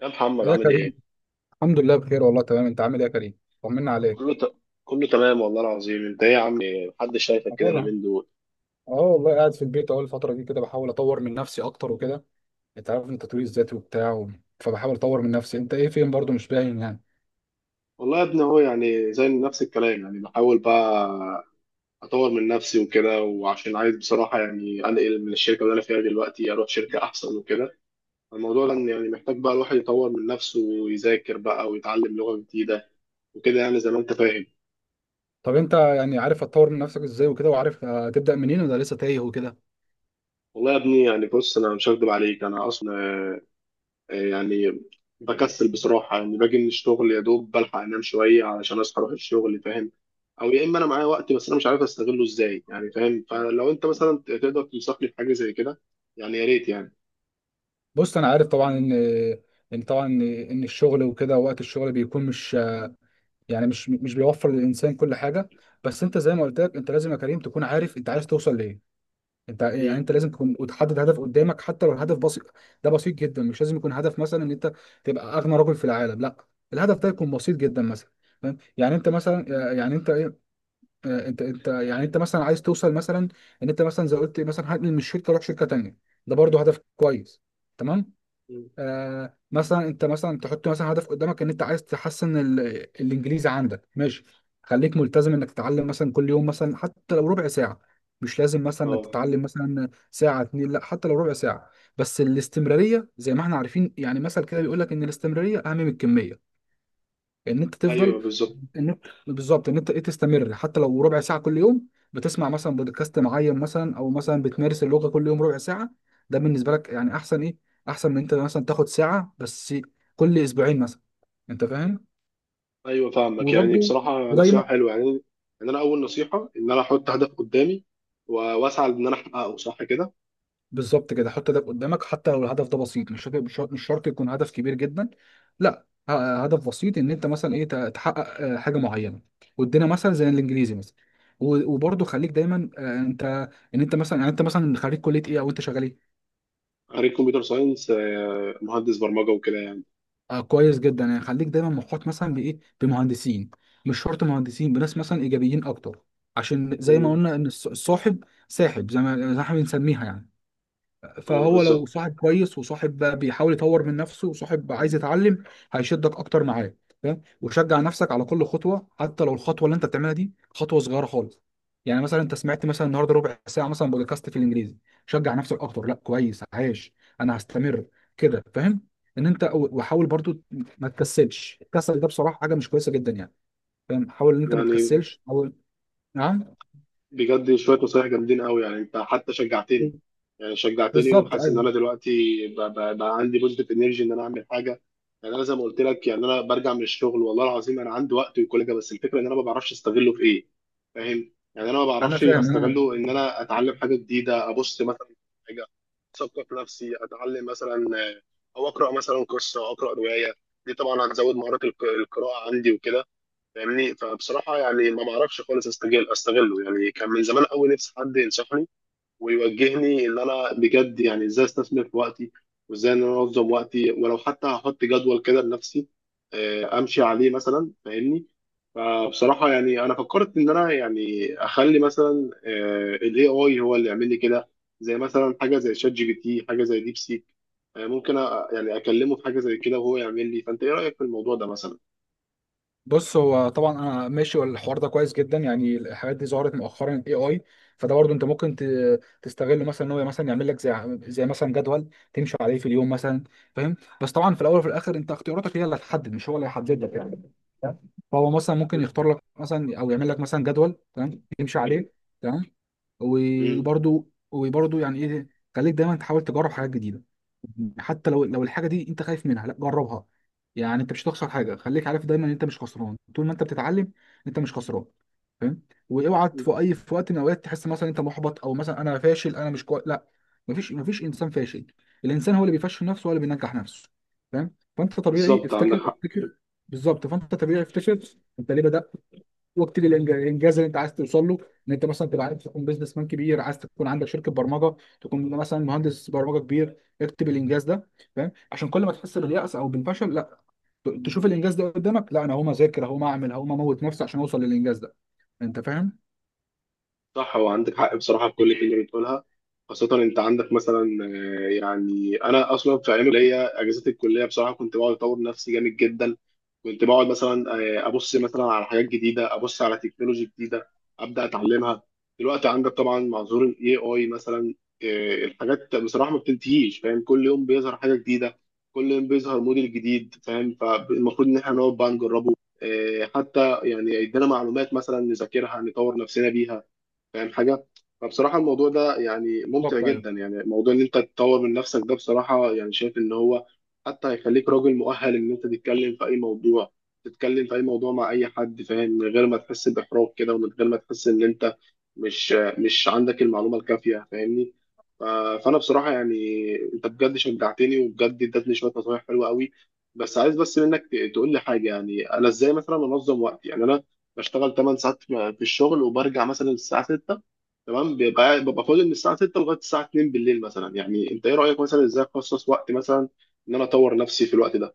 يا محمد يا عامل كريم، ايه؟ الحمد لله بخير والله. تمام، انت عامل ايه يا كريم؟ طمنا عليك. كله ت... كله تمام والله العظيم، انت ايه يا عم؟ محدش شايفك كده أقول، اليومين دول. اه والله قاعد في البيت اهو. الفتره دي كده بحاول اطور من نفسي اكتر وكده. انت عارف ان التطوير الذاتي وبتاع فبحاول اطور من نفسي. انت ايه؟ فين؟ برضو مش باين يعني. والله يا ابني هو يعني زي نفس الكلام، يعني بحاول بقى اطور من نفسي وكده، وعشان عايز بصراحه يعني انقل من الشركه اللي انا فيها دلوقتي اروح شركه احسن وكده. الموضوع ده إن يعني محتاج بقى الواحد يطور من نفسه ويذاكر بقى ويتعلم لغه جديده وكده، يعني زي ما انت فاهم. طب انت يعني عارف هتطور من نفسك ازاي وكده؟ وعارف هتبدا منين ولا لسه تايه وكده؟ والله يا ابني يعني بص، انا مش هكدب عليك، انا اصلا يعني بكسل بصراحة، يعني باجي من الشغل يا دوب بلحق أنام شوية علشان أصحى أروح الشغل فاهم. أو يا إما أنا معايا وقت بس أنا مش عارف أستغله إزاي يعني فاهم، فلو أنت مثلا تقدر تنصحني في حاجة زي كده يعني يا ريت يعني. بص، انا عارف طبعا ان طبعا ان الشغل وكده، وقت الشغل بيكون مش، يعني مش بيوفر للانسان كل حاجه. بس انت زي ما قلت لك، انت لازم يا كريم تكون عارف انت عايز توصل لايه. انت يعني مم. انت لازم تكون وتحدد هدف قدامك، حتى لو الهدف بسيط. ده بسيط جدا، مش لازم يكون هدف مثلا ان انت تبقى اغنى رجل في العالم، لا. الهدف ده يكون بسيط جدا مثلا. فاهم يعني؟ انت مثلا يعني انت ايه، انت يعني انت مثلا عايز توصل مثلا ان انت مثلا زي قلت مثلا هنقل من الشركه اروح شركه تانيه. ده برضو هدف كويس، تمام. مم. آه، مثلا انت مثلا تحط مثلا هدف قدامك ان انت عايز تحسن الانجليزي عندك، ماشي؟ خليك ملتزم انك تتعلم مثلا كل يوم، مثلا حتى لو ربع ساعة. مش لازم مثلا انك أه. تتعلم مثلا ساعة اتنين، لا، حتى لو ربع ساعة. بس الاستمرارية، زي ما احنا عارفين يعني، مثل كده بيقول لك ان الاستمرارية اهم من الكمية. ان انت تفضل، أيوه بالظبط. ان انت بالظبط ان انت ايه، تستمر حتى لو ربع ساعه كل يوم. بتسمع مثلا بودكاست معين، مثلا او مثلا بتمارس اللغه كل يوم ربع ساعه. ده بالنسبه لك يعني احسن، ايه احسن من انت مثلا تاخد ساعه بس كل اسبوعين مثلا. انت فاهم؟ أيوه فاهمك، يعني وبرضه بصراحة نصيحة ودايما، حلوة، يعني إن أنا أول نصيحة إن أنا أحط هدف قدامي وأسعى إن أنا أحققه، صح كده. بالظبط كده، حط هدف قدامك حتى لو الهدف ده بسيط. مش شرط يكون هدف كبير جدا، لا. هدف بسيط ان انت مثلا ايه، تحقق حاجه معينه، وادينا مثلا زي الانجليزي مثلا. وبرضه خليك دايما انت، ان انت مثلا يعني انت مثلا خريج كليه ايه، او انت شغال ايه؟ خريج كمبيوتر ساينس، مهندس برمجة وكده يعني. آه كويس جدا. يعني خليك دايما محاط مثلا بايه، بمهندسين. مش شرط مهندسين، بناس مثلا ايجابيين اكتر. عشان زي ما مم. قلنا، ان الصاحب ساحب، زي ما احنا بنسميها يعني. أه فهو لو بالظبط. صاحب كويس، وصاحب بيحاول يطور من نفسه، وصاحب عايز يتعلم، هيشدك اكتر معاه. فاهم؟ وشجع نفسك على كل خطوه، حتى لو الخطوه اللي انت بتعملها دي خطوه صغيره خالص. يعني مثلا انت سمعت مثلا النهارده ربع ساعه مثلا بودكاست في الانجليزي، شجع نفسك اكتر، لا كويس، عايش، انا هستمر كده. فاهم؟ ان انت وحاول برضو ما تكسلش. الكسل ده بصراحه حاجه مش كويسه جدا يعني. فاهم؟ حاول ان انت ما يعني تكسلش، حاول. نعم. بجد شوية نصايح جامدين قوي، يعني انت حتى شجعتني يعني شجعتني، بالظبط وحاسس ان ايوه. انا دلوقتي بقى عندي بوزيتيف انرجي ان انا اعمل حاجة. يعني انا زي ما قلت لك، يعني انا برجع من الشغل والله العظيم انا عندي وقت وكل حاجة، بس الفكرة ان انا ما بعرفش استغله في ايه فاهم، يعني انا ما انا بعرفش فاهم انا. استغله ان انا اتعلم حاجة جديدة، ابص مثلا في حاجة اثقف نفسي اتعلم مثلا، آه، او اقرا مثلا قصة او اقرا رواية. دي طبعا هتزود مهارات القراءة عندي وكده فاهمني. فبصراحه يعني ما بعرفش خالص استغله، يعني كان من زمان قوي نفسي حد ينصحني ويوجهني ان انا بجد يعني ازاي استثمر في وقتي، وازاي ان انا انظم وقتي، ولو حتى هحط جدول كده لنفسي امشي عليه مثلا فاهمني. فبصراحه يعني انا فكرت ان انا يعني اخلي مثلا الاي اي هو اللي يعمل لي كده، زي مثلا حاجه زي شات جي بي تي، حاجه زي ديب سيك، ممكن يعني اكلمه في حاجه زي كده وهو يعمل لي. فانت ايه رايك في الموضوع ده مثلا؟ بص، هو طبعا انا ماشي الحوار ده كويس جدا يعني. الحاجات دي ظهرت مؤخرا، الاي اي. فده برضه انت ممكن تستغله مثلا، ان هو مثلا يعمل لك زي زي مثلا جدول تمشي عليه في اليوم مثلا. فاهم؟ بس طبعا في الاول وفي الاخر انت اختياراتك هي اللي هتحدد، مش هو اللي هيحدد لك يعني. فهو مثلا ممكن يختار لك مثلا، او يعمل لك مثلا جدول تمام تمشي عليه، تمام. مم. وبرضو يعني ايه، خليك دايما تحاول تجرب حاجات جديده. حتى لو الحاجه دي انت خايف منها، لا جربها. يعني انت مش هتخسر حاجه، خليك عارف دايما ان انت مش خسران طول ما انت بتتعلم، انت مش خسران. فاهم؟ واوعى في اي، في وقت من الاوقات تحس مثلا انت محبط، او مثلا انا فاشل، انا مش كويس، لا. مفيش انسان فاشل. الانسان هو اللي بيفشل نفسه ولا بينجح نفسه. فاهم؟ فانت طبيعي، بالظبط عندك افتكر حق. افتكر. بالظبط، فانت طبيعي، افتكر. انت ليه بدات، واكتب الانجاز اللي انت عايز توصل له. ان انت مثلا تبقى عايز تكون بيزنس مان كبير، عايز تكون عندك شركه برمجه، تكون مثلا مهندس برمجه كبير، اكتب الانجاز ده. فاهم؟ عشان كل ما تحس باليأس او بالفشل، لا، تشوف الانجاز ده قدامك، لا انا هقوم اذاكر، هقوم اعمل، هقوم اموت نفسي عشان اوصل للانجاز ده. انت فاهم؟ صح، هو عندك حق بصراحة في كل كلمة بتقولها، خاصة أنت عندك مثلا، يعني أنا أصلا في أيام الكلية أجازات الكلية بصراحة كنت بقعد أطور نفسي جامد جدا، كنت بقعد مثلا، أبص مثلا على حاجات جديدة، أبص على تكنولوجي جديدة أبدأ أتعلمها. دلوقتي عندك طبعا مع ظهور ال AI مثلا، الحاجات بصراحة ما بتنتهيش فاهم، كل يوم بيظهر حاجة جديدة، كل يوم بيظهر موديل جديد فاهم، فالمفروض إن إحنا نقعد بقى نجربه، حتى يعني يدينا معلومات مثلا نذاكرها نطور نفسنا بيها فاهم حاجه. فبصراحه الموضوع ده يعني ممتع بالظبط جدا، أيوة. يعني موضوع ان انت تطور من نفسك ده بصراحه يعني شايف ان هو حتى هيخليك راجل مؤهل ان انت تتكلم في اي موضوع، تتكلم في اي موضوع مع اي حد فاهم، من غير ما تحس باحراج كده، ومن غير ما تحس ان انت مش مش عندك المعلومه الكافيه فاهمني. ف- فانا بصراحه يعني انت بجد شجعتني، وبجد ادتني شويه نصايح حلوه قوي. بس عايز بس منك تقول لي حاجه، يعني انا ازاي مثلا انظم وقتي؟ يعني انا بشتغل 8 ساعات في الشغل وبرجع مثلا الساعة 6 تمام، ببقى فاضي من الساعة 6 لغاية الساعة 2 بالليل مثلا، يعني انت ايه رأيك مثلا ازاي اخصص وقت مثلا ان انا اطور نفسي في الوقت ده؟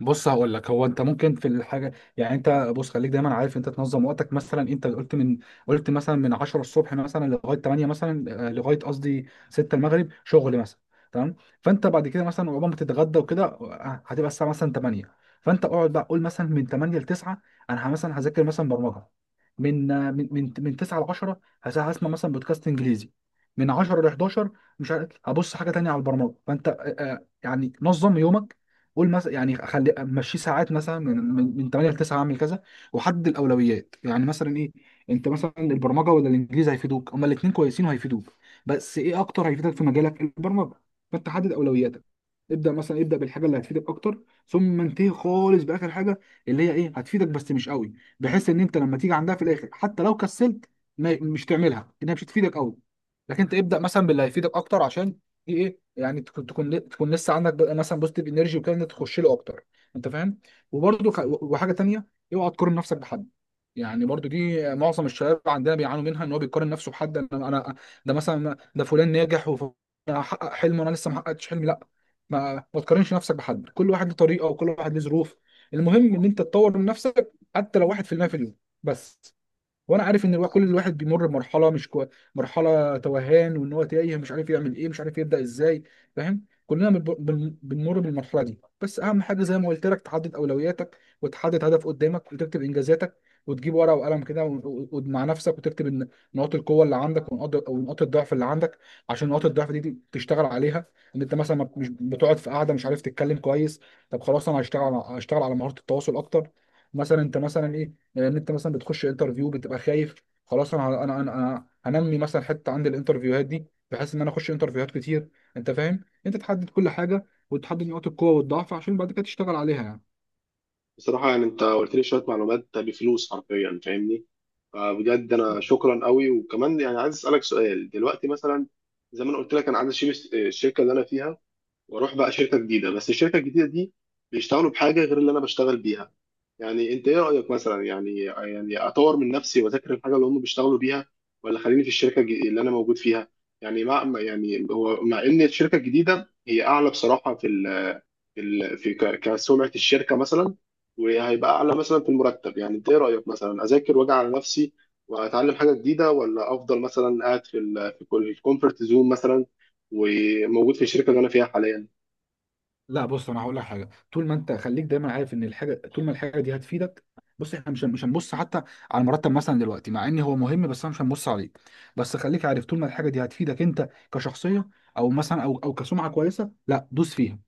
بص هقول لك، هو انت ممكن في الحاجه يعني انت، بص خليك دايما عارف انت تنظم وقتك. مثلا انت قلت من، قلت مثلا من 10 الصبح مثلا لغايه 8 مثلا، لغايه قصدي 6 المغرب شغل مثلا، تمام؟ فانت بعد كده مثلا عقبال ما تتغدى وكده، هتبقى الساعه مثلا 8. فانت اقعد بقى قول مثلا من 8 ل 9 انا مثلا هذاكر مثلا برمجه. من من 9 ل 10 هسمع مثلا بودكاست انجليزي. من 10 ل 11 مش عارف هبص حاجه تانيه على البرمجه. فانت يعني نظم يومك، قول مثلا يعني خلي مشي ساعات مثلا من 8 ل 9 اعمل كذا. وحدد الاولويات، يعني مثلا ايه، انت مثلا البرمجه ولا الانجليزي هيفيدوك؟ هما الاثنين كويسين وهيفيدوك، بس ايه اكتر هيفيدك في مجالك؟ البرمجه. فانت حدد اولوياتك، ابدا مثلا، ابدا بالحاجه اللي هتفيدك اكتر، ثم انتهي خالص باخر حاجه اللي هي ايه، هتفيدك بس مش قوي. بحيث ان انت لما تيجي عندها في الاخر، حتى لو كسلت ما، مش تعملها، انها مش هتفيدك قوي. لكن انت ابدا مثلا باللي هيفيدك اكتر، عشان ايه، يعني تكون لسه عندك بقى مثلا بوزيتيف انرجي وكده، إن انت تخش له اكتر. انت فاهم؟ وبرده وحاجه تانيه، اوعى تقارن نفسك بحد. يعني برضو دي معظم الشباب عندنا بيعانوا منها، ان هو بيقارن نفسه بحد، انا انا، ده مثلا ده فلان ناجح وحقق حلم وانا لسه ما حققتش حلمي، لا. ما تقارنش نفسك بحد. كل واحد له طريقه، وكل واحد له ظروف. المهم ان انت تطور من نفسك حتى لو 1% في المية في اليوم، بس. وانا عارف ان الواحد، كل الواحد بيمر بمرحله مش كوي... مرحله توهان، وان هو تايه، مش عارف يعمل ايه، مش عارف يبدا ازاي. فاهم؟ كلنا بنمر بالمرحله دي. بس اهم حاجه زي ما قلت لك، تحدد اولوياتك، وتحدد هدف قدامك، وتكتب انجازاتك، وتجيب ورقه وقلم كده مع نفسك وتكتب نقاط القوه اللي عندك، ونقاط الضعف اللي عندك، عشان نقاط الضعف دي تشتغل عليها. ان انت مثلا مش بتقعد في قاعده، مش عارف تتكلم كويس، طب خلاص انا هشتغل، على مهاره التواصل اكتر. مثلا انت مثلا لان انت مثلا بتخش انترفيو بتبقى خايف، خلاص أنا هنمي مثلا حته عند الانترفيوهات دي، بحيث ان انا اخش انترفيوهات كتير. انت فاهم؟ انت تحدد كل حاجه، وتحدد نقاط القوه والضعف عشان بعد كده تشتغل عليها يعني. بصراحة يعني انت قلت لي شوية معلومات بفلوس حرفيا فاهمني، فبجد انا شكرا قوي. وكمان يعني عايز اسألك سؤال دلوقتي مثلا، زي ما انا قلت لك انا عايز اشيل الشركة اللي انا فيها واروح بقى شركه جديده، بس الشركه الجديده دي بيشتغلوا بحاجه غير اللي انا بشتغل بيها. يعني انت ايه رايك مثلا، يعني اطور من نفسي واذاكر الحاجه اللي هم بيشتغلوا بيها، ولا خليني في الشركه اللي انا موجود فيها؟ يعني مع يعني هو مع ان الشركه الجديده هي اعلى بصراحه في كسمعه الشركه مثلا، وهيبقى اعلى مثلا في المرتب، يعني انت ايه رايك مثلا اذاكر واجي على نفسي واتعلم حاجه جديده، ولا افضل مثلا قاعد في الكومفورت زون مثلا وموجود في الشركه اللي انا فيها حاليا؟ لا بص، انا هقول لك حاجه. طول ما انت، خليك دايما عارف ان الحاجه، طول ما الحاجه دي هتفيدك، بص احنا مش هنبص حتى على المرتب مثلا دلوقتي، مع ان هو مهم، بس انا مش هنبص عليه. بس خليك عارف، طول ما الحاجه دي هتفيدك انت كشخصيه، او مثلا او كسمعه كويسه، لا دوس فيها.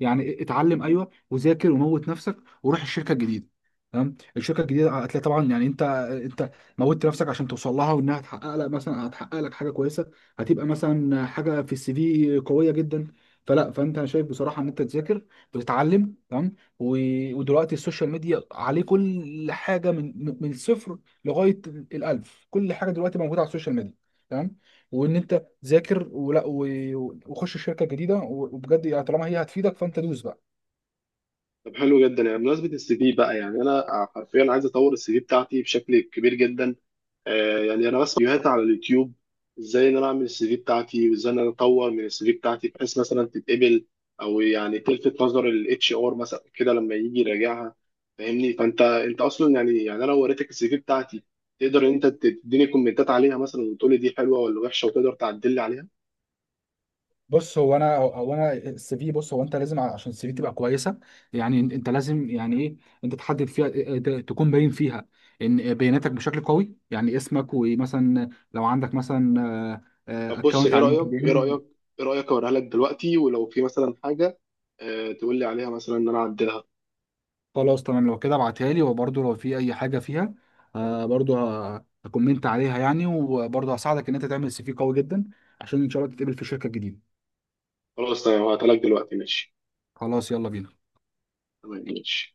يعني اتعلم ايوه، وذاكر وموت نفسك وروح الشركه الجديده. تمام؟ الشركه الجديده هتلاقي طبعا يعني انت، انت موتت نفسك عشان توصل لها، وانها تحقق لك مثلا، هتحقق لك حاجه كويسه. هتبقى مثلا حاجه في السي في قويه جدا. فلا، فانت انا شايف بصراحه ان انت تذاكر وتتعلم، تمام؟ ودلوقتي السوشيال ميديا عليه كل حاجه، من الصفر لغايه الالف. كل حاجه دلوقتي موجوده على السوشيال ميديا، تمام. وان انت ذاكر ولا، وخش شركه جديده، وبجد يعني طالما هي هتفيدك فانت دوس بقى. طب حلو جدا. يعني بمناسبة السي في بقى، يعني أنا حرفيا عايز أطور السي في بتاعتي بشكل كبير جدا. يعني أنا بس فيديوهات على اليوتيوب إزاي إن أنا أعمل السي في بتاعتي، وإزاي إن أنا أطور من السي في بتاعتي بحيث مثلا تتقبل أو يعني تلفت نظر الاتش ار مثلا كده لما يجي يراجعها فاهمني. فأنت أنت أصلا يعني أنا لو وريتك السي في بتاعتي تقدر إن أنت تديني كومنتات عليها مثلا، وتقولي دي حلوة ولا وحشة، وتقدر تعدل لي عليها. بص، هو انا هو انا السي في، بص هو انت لازم عشان السي في تبقى كويسه يعني، انت أنت لازم يعني ايه، انت تحدد فيها تكون باين فيها ان بياناتك بشكل قوي، يعني اسمك ومثلا لو عندك مثلا طب بص، اكونت ايه على رأيك لينكد ايه ان. رأيك ايه رأيك اوريها لك دلوقتي ولو في مثلا حاجة تقول لي عليها مثلا ان انا اعدلها؟ خلاص تمام، لو كده ابعتها لي. وبرده لو في اي حاجه فيها، برده هكومنت عليها يعني، وبرده هساعدك ان انت تعمل سي في قوي جدا عشان ان شاء الله تتقبل في شركه جديده. خلاص تمام، هبعتها لك دلوقتي ماشي. خلاص يلا بينا. تمام ماشي.